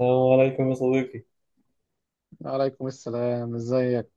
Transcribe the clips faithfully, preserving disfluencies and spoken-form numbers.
السلام عليكم يا صديقي. عليكم السلام. ازيك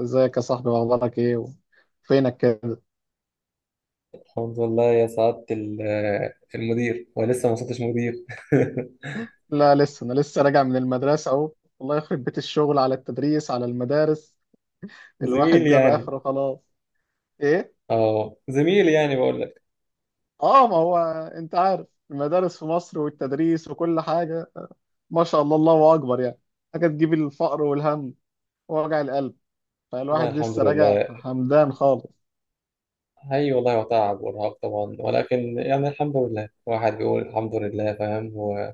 ازيك يا صاحبي، واخبارك ايه و- فينك كده؟ الحمد لله يا سعادة ال- المدير ولسه ما وصلتش مدير. لا، لسه انا لسه راجع من المدرسه اهو. الله يخرب بيت الشغل على التدريس، على المدارس. الواحد زميل جاب يعني. اخره خلاص. ايه. اه زميل يعني بقول لك. اه، ما هو انت عارف المدارس في مصر والتدريس وكل حاجه. ما شاء الله، الله اكبر يعني. حاجه تجيب الفقر والهم ووجع القلب. والله فالواحد الحمد لسه راجع لله. همدان خالص. اي والله، وتعب وارهاق طبعا، ولكن يعني الحمد لله، الواحد بيقول الحمد لله، فاهم و...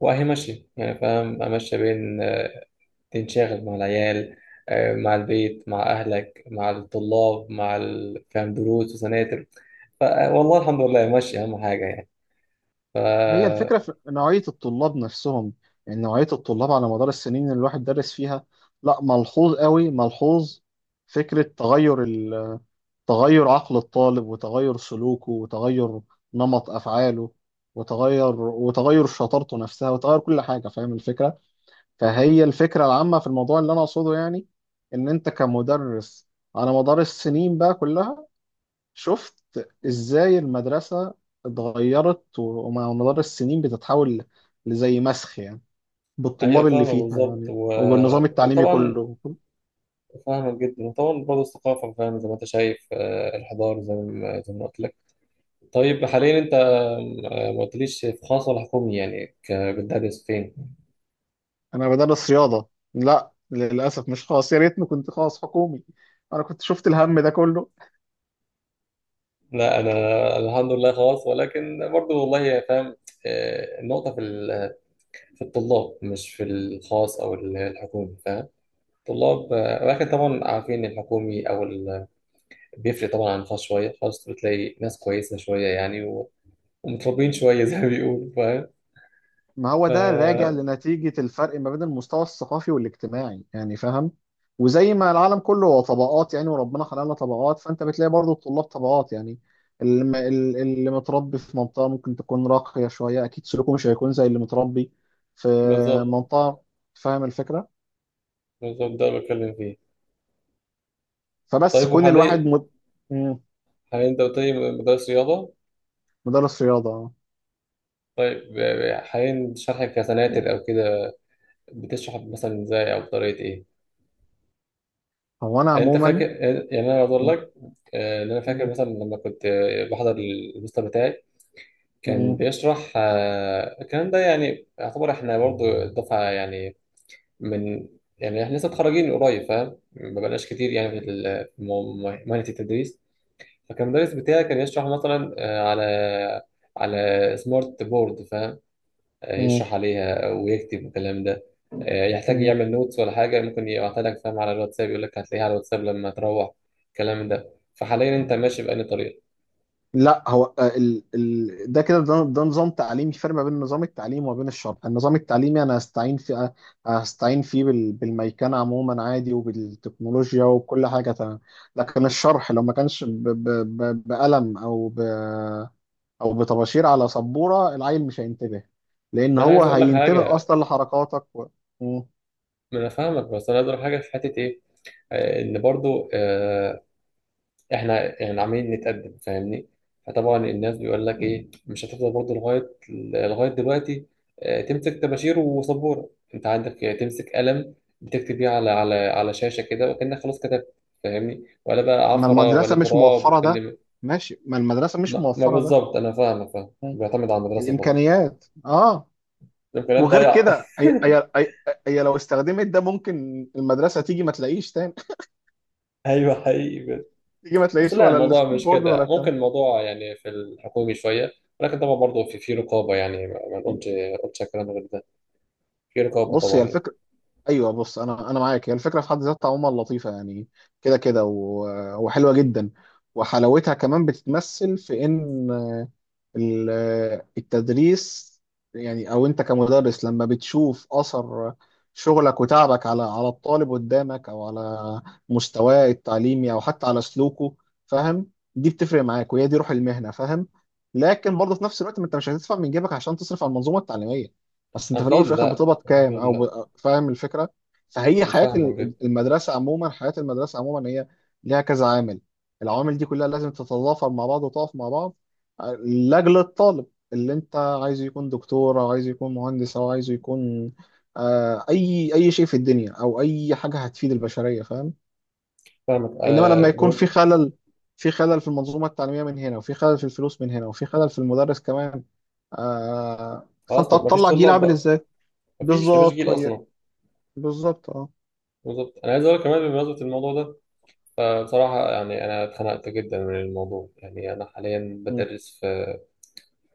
واهي ماشي يعني، فاهم، امشي بين آه، تنشغل مع العيال، آه، مع البيت، مع اهلك، مع الطلاب، مع ال... فاهم دروس وسناتر. ف... والله الحمد لله، ماشي، اهم حاجة يعني. ف هي الفكرة في نوعية الطلاب نفسهم. يعني نوعية الطلاب على مدار السنين اللي الواحد درس فيها، لا، ملحوظ قوي ملحوظ. فكرة تغير ال- تغير عقل الطالب، وتغير سلوكه، وتغير نمط أفعاله، وتغير، وتغير شطارته نفسها، وتغير كل حاجة. فاهم الفكرة؟ فهي الفكرة العامة في الموضوع اللي أنا أقصده، يعني إن أنت كمدرس، على مدار السنين بقى كلها، شفت ازاي المدرسة اتغيرت و- ومع مدار السنين بتتحول لزي مسخ يعني، هي بالطلاب اللي فاهمة فيها بالظبط يعني، و... وبالنظام التعليمي وطبعا، كله. فاهمة جدا، وطبعا برضه الثقافة، فاهمة زي ما أنت شايف، آه، الحضارة زي ما زي ما قلت لك. طيب، حاليا أنت آه، ما قلتليش في خاص ولا حكومي، يعني ك- بتدرس فين؟ انا بدرس رياضة. لا، للأسف مش خاص، يا ريتني كنت خاص حكومي. انا كنت شفت الهم ده كله. لا، أنا الحمد لله خاص، ولكن برضه والله فاهم. آه، النقطة في ال- في الطلاب، مش في الخاص أو ال- الحكومي، فاهم؟ طلاب، آه، ولكن طبعا عارفين الحكومي أو ال... بيفرق طبعا عن الخاص شوية. الخاص بتلاقي ناس كويسة شوية يعني، متربيين شوية زي ما بيقولوا، فاهم. ما هو ده راجع ف- لنتيجة الفرق ما بين المستوى الثقافي والاجتماعي يعني، فاهم؟ وزي ما العالم كله هو طبقات يعني، وربنا خلقنا طبقات، فانت بتلاقي برضو الطلاب طبقات يعني. اللي م- ال- اللي متربي في منطقة ممكن تكون راقية شوية، اكيد سلوكه مش هيكون زي اللي متربي في بالظبط، منطقة. فاهم الفكرة؟ بالظبط ده اللي بتكلم فيه. فبس طيب، كون الواحد وحاليا مد... مم، حاليا انت قلت لي مدرس رياضة. مدرس رياضة آه. طيب، ب- حاليا شرحك كسناتر او كده، بتشرح مثلا ازاي، او بطريقة ايه؟ هو انا انت فاكر، عموما. يعني انا اقول لك آه، ان انا فاكر مم، مثلا لما كنت آه، بحضر المستر بتاعي، كان مم، بيشرح آه، الكلام ده، يعني يعتبر احنا برضو دفعة يعني، من يعني احنا لسه متخرجين قريب، فاهم، ما بقناش كتير يعني أيوة. في ال- في مهنة التدريس. فكان المدرس بتاعي كان يشرح مثلا آه، على على سمارت بورد، فاهم. آه، يشرح عليها ويكتب الكلام ده، آه، يحتاج مم. يعمل نوتس ولا حاجة، ممكن يبعتها لك، فاهم، على الواتساب، يقول لك هتلاقيها على الواتساب لما تروح الكلام ده. فحاليا انت ماشي بأنهي طريقة؟ لا، هو آه، ال... ال... ده كده، ده, ده نظام تعليمي. فرق ما بين نظام التعليم وبين الشرع. النظام التعليمي انا هستعين فيه هستعين فيه بال... بالميكنه عموما عادي، وبالتكنولوجيا وكل حاجه تمام. لكن الشرح لو ما كانش ب... ب... ب... بقلم او ب... او بطباشير على سبوره، العيل مش هينتبه. لان ما انا هو عايز اقول لك هينتبه حاجة، اصلا لحركاتك و... م. ما انا فاهمك، بس انا عايز اقول لك حاجة في حتة ايه، آه، ان برضو آه، احنا يعني عمالين نتقدم، فاهمني. فطبعا الناس بيقول لك ايه، مش هتفضل برضه لغايه لغايه دلوقتي آه، تمسك طباشير وسبوره، انت عندك آه، تمسك قلم، بتكتب بيه على على على شاشه كده، وكانك خلاص كتبت، فاهمني، ولا بقى ما عفره ولا المدرسه مش تراب موفره ده. وكلمه. ماشي، ما المدرسه مش ما, ما موفره ده. بالظبط انا فاهم، فاهم م. بيعتمد على المدرسه طبعا. الامكانيات اه. الامكانيات وغير ضايعه. كده، هي هي هي هي لو استخدمت ده ممكن المدرسه تيجي ما تلاقيش تاني. ايوه، حقيقي، بجد. تيجي ما بس تلاقيش لا، ولا الموضوع السكول مش بورد ولا كده، بتاع. ممكن الموضوع يعني في الحكومي شويه، ولكن طبعا برضه في في رقابه، يعني ما ما نقولش ما نقولش كلام غير ده، في رقابة بص، هي طبعا. الفكره. ايوه، بص، انا انا معاك، هي الفكره في حد ذاتها عموما لطيفه يعني، كده كده و- وحلوه جدا. وحلاوتها كمان بتتمثل في ان ال- التدريس، يعني او انت كمدرس لما بتشوف اثر شغلك وتعبك على على الطالب قدامك، او على مستواه التعليمي او حتى على سلوكه، فاهم؟ دي بتفرق معاك، وهي دي روح المهنه، فاهم؟ لكن برضه في نفس الوقت، ما انت مش هتدفع من جيبك عشان تصرف على المنظومه التعليميه، بس انت في الاول أكيد وفي الاخر لا، بتقبض كام؟ أكيد او لا، ب... فاهم الفكره؟ فهي أنا حياه فاهمك ال- جدا. المدرسه عموما حياه المدرسه عموما هي ليها كذا عامل. العوامل دي كلها لازم تتضافر مع بعض وتقف مع بعض لاجل الطالب، اللي انت عايزه يكون دكتور، او عايزه يكون مهندس، او عايزه يكون آه، اي اي شيء في الدنيا او اي حاجه هتفيد البشريه، فاهم؟ فاهمك انما آه لما يكون في بن- خلل، في خلل في المنظومه التعليميه من هنا، وفي خلل في الفلوس من هنا، وفي خلل في المدرس كمان، آه، خلاص، فانت ما فيش هتطلع جيل طلاب عامل بقى، ازاي؟ ما فيش ما فيش بالظبط، جيل هي أصلا. بالظبط اه. بالظبط، أنا عايز أقول كمان بمناسبة الموضوع ده، فبصراحة يعني أنا اتخنقت جدا من الموضوع، يعني أنا حاليا م. بدرس في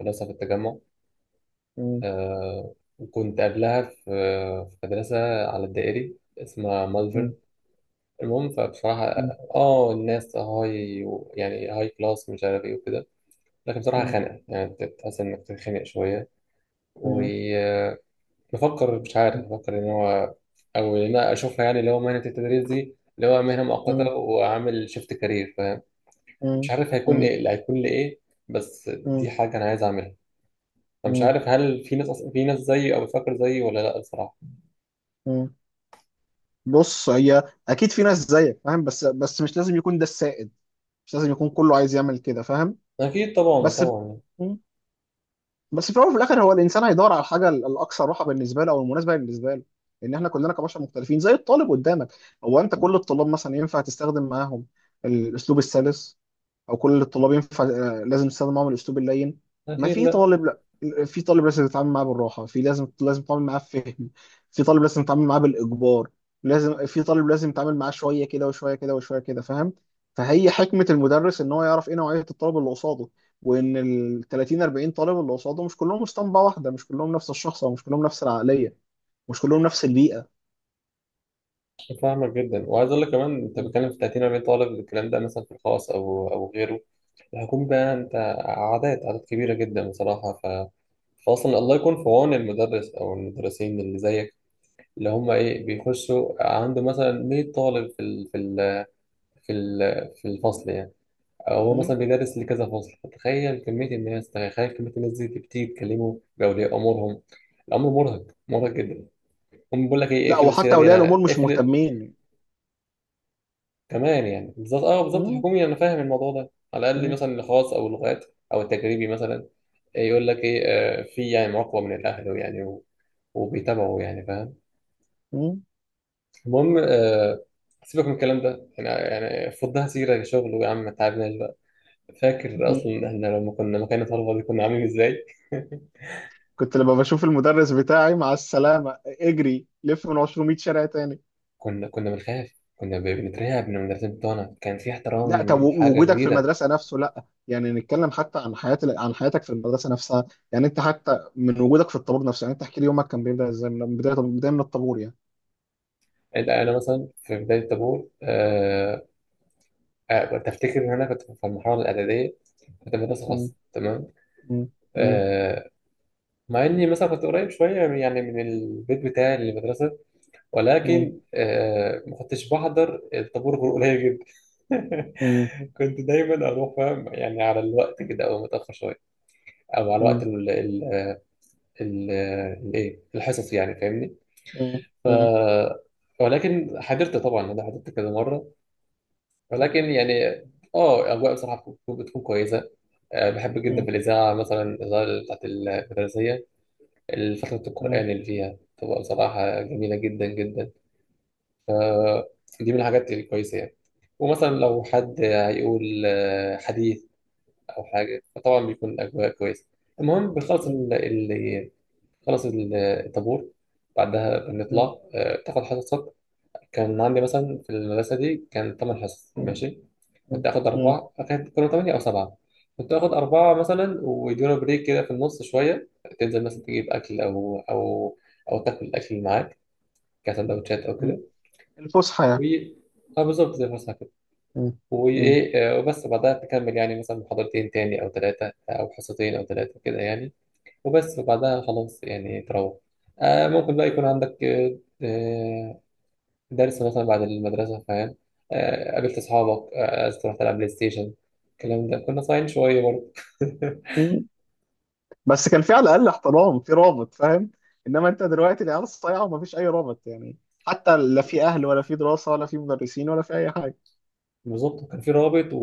مدرسة في التجمع، م. آه وكنت قبلها في في مدرسة على الدائري اسمها م. مالفرن. المهم، فبصراحة، م. اه الناس هاي، يعني هاي كلاس، مش عارف ايه وكده، لكن بصراحة م. خانقة، يعني بتحس انك تتخانق شوية. م. وبفكر، مش عارف، بفكر ان هو، او ان انا اشوفها يعني، اللي هو مهنه التدريس دي، اللي هو مهنه مؤقته، م. واعمل شيفت كارير، فاهم، مش م. عارف هيكون م. ايه، اللي هيكون لي ايه، بس دي م. حاجه انا عايز اعملها. فمش م. عارف، هل في ناس أص- في ناس زيي او بتفكر زيي ولا لا الصراحه. م. بص، هي اكيد في ناس زيك، فاهم؟ بس بس مش لازم يكون ده السائد. مش لازم يكون كله عايز يعمل كده، فاهم؟ اكيد طبعا، بس. طبعا مم. بس في الاول وفي الاخر هو الانسان هيدور على الحاجه ال- الاكثر راحه بالنسبه له، او المناسبه بالنسبه له. ان احنا كلنا كبشر مختلفين، زي الطالب قدامك. هو انت كل الطلاب مثلا ينفع تستخدم معاهم الاسلوب السلس؟ او كل الطلاب ينفع آه، لازم تستخدم معاهم الاسلوب اللين؟ ما اكيد، في لا. طالب، لا. في طالب لازم تتعامل معاه بالراحه، في لازم لازم تتعامل معاه بفهم، في طالب لازم تتعامل معاه بالاجبار، لازم، في طالب لازم تتعامل معاه شويه كده وشويه كده وشويه كده، فاهم؟ فهي حكمه المدرس ان هو يعرف ايه نوعيه الطالب اللي قصاده، وان ال ثلاثين أربعين طالب اللي قصاده مش كلهم اسطمبه واحده، مش كلهم نفس الشخص او مش كلهم نفس العقليه، مش كلهم نفس البيئه. فاهمك جدا، وعايز اقول لك كمان، انت م. بتتكلم في تلاتين اربعين طالب، الكلام ده مثلا في الخاص او او غيره، هيكون بقى انت، عادات عادات كبيرة جدا بصراحة. ف... فأصلا الله يكون في عون المدرس أو المدرسين اللي زيك، اللي هم إيه، بيخشوا عنده مثلا مئة طالب في ال... في ال... في ال... في الفصل يعني، أو هو م. مثلا بيدرس لكذا فصل. تخيل كمية الناس، تخيل كمية الناس دي بتيجي تكلمه بأولياء أمورهم، الأمر مرهق، مرهق جدا. هم بيقول لك إيه، لا، اقفل السيرة وحتى دي اولياء أنا الامور مش اقفل، مهتمين. كمان يعني، بالظبط، اه بالظبط م. الحكومي. انا فاهم الموضوع ده، على الاقل م. مثلا الخاص او اللغات او التجريبي مثلا، آه، يقول لك ايه، آه، في يعني مراقبه من الاهل يعني و- وبيتابعوا يعني، فاهم. المهم، آه، سيبك من الكلام ده يعني، يعني فضها سيره شغل، ويا عم ما تعبناش بقى. فاكر م. اصلا احنا لما كنا مكان الطلبه دي كنا عاملين ازاي؟ كنت لما بشوف المدرس بتاعي مع السلامة، اجري لف من ميتين شارع تاني. كنا كنا بنخاف، كنا ب- بنترعب من المدرسين بتوعنا، كان في لا، طب احترام، حاجه وجودك في كبيره. المدرسة نفسه، لا يعني، نتكلم حتى عن حياة، عن حياتك في المدرسة نفسها يعني. انت حتى من وجودك في الطابور نفسه يعني، انت احكي لي يومك كان بيبدأ ازاي، من بداية بداية من الطابور يعني. انت انا مثلا في بدايه الطابور، آه، آه كنت أفتكر إن أنا كنت في المرحلة الإعدادية، كنت في مدرسة م. خاصة، تمام، م. م. آه مع إني مثلا كنت قريب شوية من- يعني من البيت بتاعي للمدرسة، م. ولكن آه ما كنتش بحضر الطابور غير قليل جدا. م. كنت دايما أروح، فاهم، يعني على الوقت كده أو متأخر شوية، أو على وقت م. ال ال ال الإيه الحصص يعني، فاهمني. م. ف م. ولكن حضرت طبعا، أنا حضرت كذا مرة، ولكن يعني، اه اجواء بصراحه بتكون بتكون كويسه، آه، بحب جدا م. في الإذاعة، مثلا الإذاعة بتاعت المدرسية، الفترة م. القرآن اللي فيها تبقى بصراحة جميلة جدا جدا. فدي من الحاجات الكويسة يعني، ومثلا لو حد هيقول، آه، حديث أو حاجة، فطبعا بيكون أجواء كويسة. المهم، بنخلص ال- ال- خلص الطابور، بعدها بنطلع، آه، تاخد حصصك. كان عندي مثلا في المدرسة دي كان تمن حصص، م. ماشي، م. كنت آخد م. أربعة، كانت كانوا تمانية أو سبعة، كنت آخد أربعة مثلا، ويدونا بريك كده في النص شوية. تنزل مثلا تجيب أكل، أو أو أو تاكل الأكل اللي معاك، كسندوتشات أو م. كده، الفسحة و يعني. أه بالظبط زي الفسحة كده. م. وإيه آه، وبس بعدها تكمل، يعني مثلا محاضرتين تاني أو تلاتة، أو حصتين أو تلاتة كده يعني، وبس. وبعدها خلاص يعني تروح، آه ممكن بقى يكون عندك آه، آه، درس مثلا بعد المدرسة، فاهم، آه، قابلت أصحابك، آه، رحت ألعب بلاي ستيشن، الكلام ده كنا صايعين شوية برضه. م. بس كان في على الاقل احترام، في رابط، فاهم؟ انما انت دلوقتي، العيال الصايعه ومفيش اي رابط يعني. حتى لا في اهل، ولا في دراسه، ولا في مدرسين، ولا في اي حاجه. بالظبط، كان في رابط، و...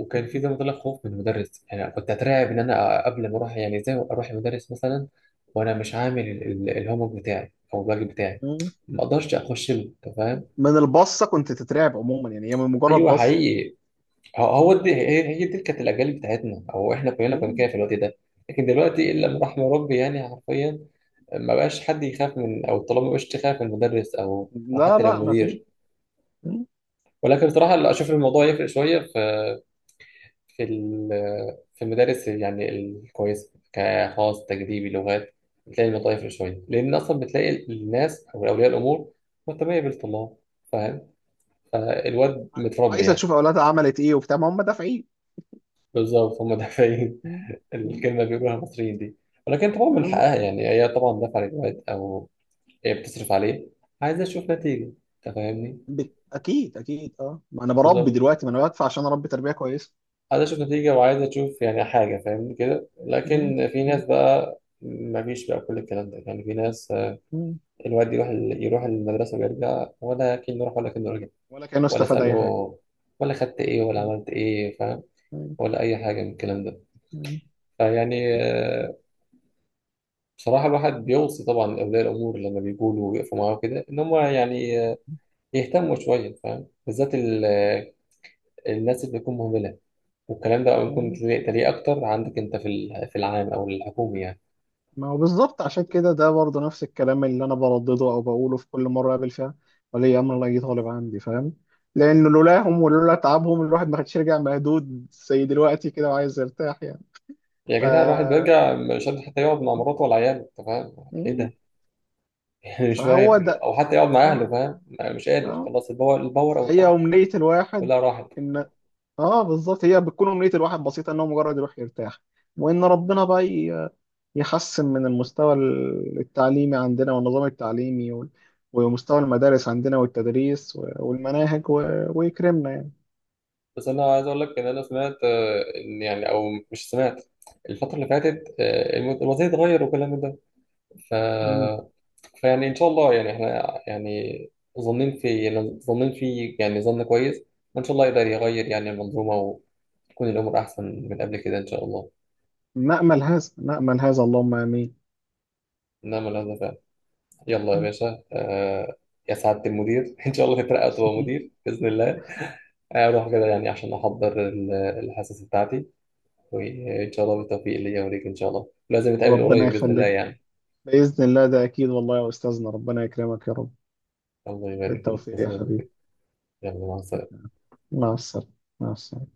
وكان في زي ما قلت لك خوف من المدرس يعني، كنت أترعب إن أنا قبل ما أروح، يعني إزاي أروح المدرس مثلا وأنا مش عامل ال- ال- الهومورك بتاعي أو الواجب بتاعي، مم. ما أقدرش أخش له. أنت فاهم؟ من البصه كنت تترعب عموما، يعني هي من مجرد أيوه، بصه. حقيقي، هو هو مم. دي هي هي دي كانت الأجيال بتاعتنا، أو إحنا كلنا كنا مم. كده في الوقت ده. لكن دلوقتي، إلا من رحم ربي يعني، حرفيا ما بقاش حد يخاف من او الطلاب، ما بقاش تخاف من مدرس او او لا حتى لو لا، ما في. مدير. مم. ولكن بصراحه لا، اشوف الموضوع يفرق شويه في في ال- في المدارس يعني الكويسه كخاص تجريبي لغات، بتلاقي الموضوع يفرق شويه، لان اصلا بتلاقي الناس او اولياء الامور مهتميه بالطلاب، فاهم، فالواد متربي عايزه يعني. تشوف اولادها عملت ايه وبتاع، ما هم دافعين. بالظبط، هم دافعين. مم. مم. الكلمه بيقولوها المصريين دي. ولكن طبعا من بالظبط. حقها يعني، هي طبعا دافعه للواد، او هي بتصرف عليه، عايزه تشوف نتيجه، انت فاهمني. ب- اكيد اكيد اه، ما انا بربي بالظبط، دلوقتي، ما انا بدفع عشان اربي تربيه كويسه. عايز اشوف نتيجة، وعايز اشوف يعني حاجة، فاهمني كده. مم. لكن في مم. ناس بقى مفيش بقى كل الكلام ده يعني، في ناس آه، مم. الواد يروح ال- يروح المدرسة ويرجع، ولا كأنه راح ولا كأنه رجع، ولا كانه ولا استفاد اسأله، اي حاجه. ولا خدت ايه ولا مم. عملت ايه، فاهم، ولا اي حاجة من الكلام ده. مم. فيعني، آه، بصراحة الواحد بيوصي طبعا أولياء الأمور لما بيقولوا ويقفوا معاه كده إن هم يعني آه، يهتموا شوية، فاهم، بالذات ال- آه، الناس اللي بتكون مهملة، والكلام ده ممكن مم. تلاقيه أكتر عندك أنت في ال- في العام أو الحكومي يعني. ما هو بالظبط، عشان كده ده برضه نفس الكلام اللي انا بردده او بقوله في كل مره اقابل فيها ولي امر لا طالب عندي، فاهم؟ لان لولاهم ولولا تعبهم، الواحد ما كانش رجع مهدود زي دلوقتي كده وعايز يرتاح يعني. يا ف. جدع، الواحد بيرجع مش قادر حتى يقعد مع مراته ولا عياله، انت فاهم ايه مم. ده؟ يعني مش فاهم، فهو ده. او حتى يقعد مع اهله، اه. فاهم، أنا مش قادر اه. خلاص. الباور الباور او فهي الطاقه امنيه الواحد كلها راحت. ان، اه بالظبط، هي بتكون امنيه الواحد بسيطه ان هو مجرد يروح يرتاح، وان ربنا بقى ي- يحسن من المستوى التعليمي عندنا، والنظام التعليمي، وال- ومستوى المدارس عندنا، والتدريس و- والمناهج و- ويكرمنا يعني. بس انا عايز اقول لك ان انا سمعت آه، ان يعني، او مش سمعت، الفتره اللي فاتت، آه، الم- الوضع اتغير وكل من ده، ف... مم. فيعني ان شاء الله يعني احنا يعني ظنين في، ظنين في يعني ظن كويس، وان شاء الله يقدر يغير يعني المنظومه، وتكون الامور احسن من قبل كده ان شاء الله. نأمل هذا، نأمل هذا، اللهم آمين. نعم، هذا فعلا. يلا يا مم. باشا، آه يا سعادة المدير، إن شاء الله تترقى وتبقى مدير بإذن الله، آه، أروح كده يعني عشان أحضر ال- الحصص بتاعتي. وإن شاء الله بالتوفيق ليا وليك، إن شاء الله لازم نتقابل ربنا قريب بإذن الله يخليك. يعني. بإذن الله ده أكيد، والله يا أستاذنا ربنا يكرمك يا رب. الله يبارك فيك، بالتوفيق يا تسلم يا حبيبي. كبير. يلا، مع السلامة. مع السلامة. مع السلامة.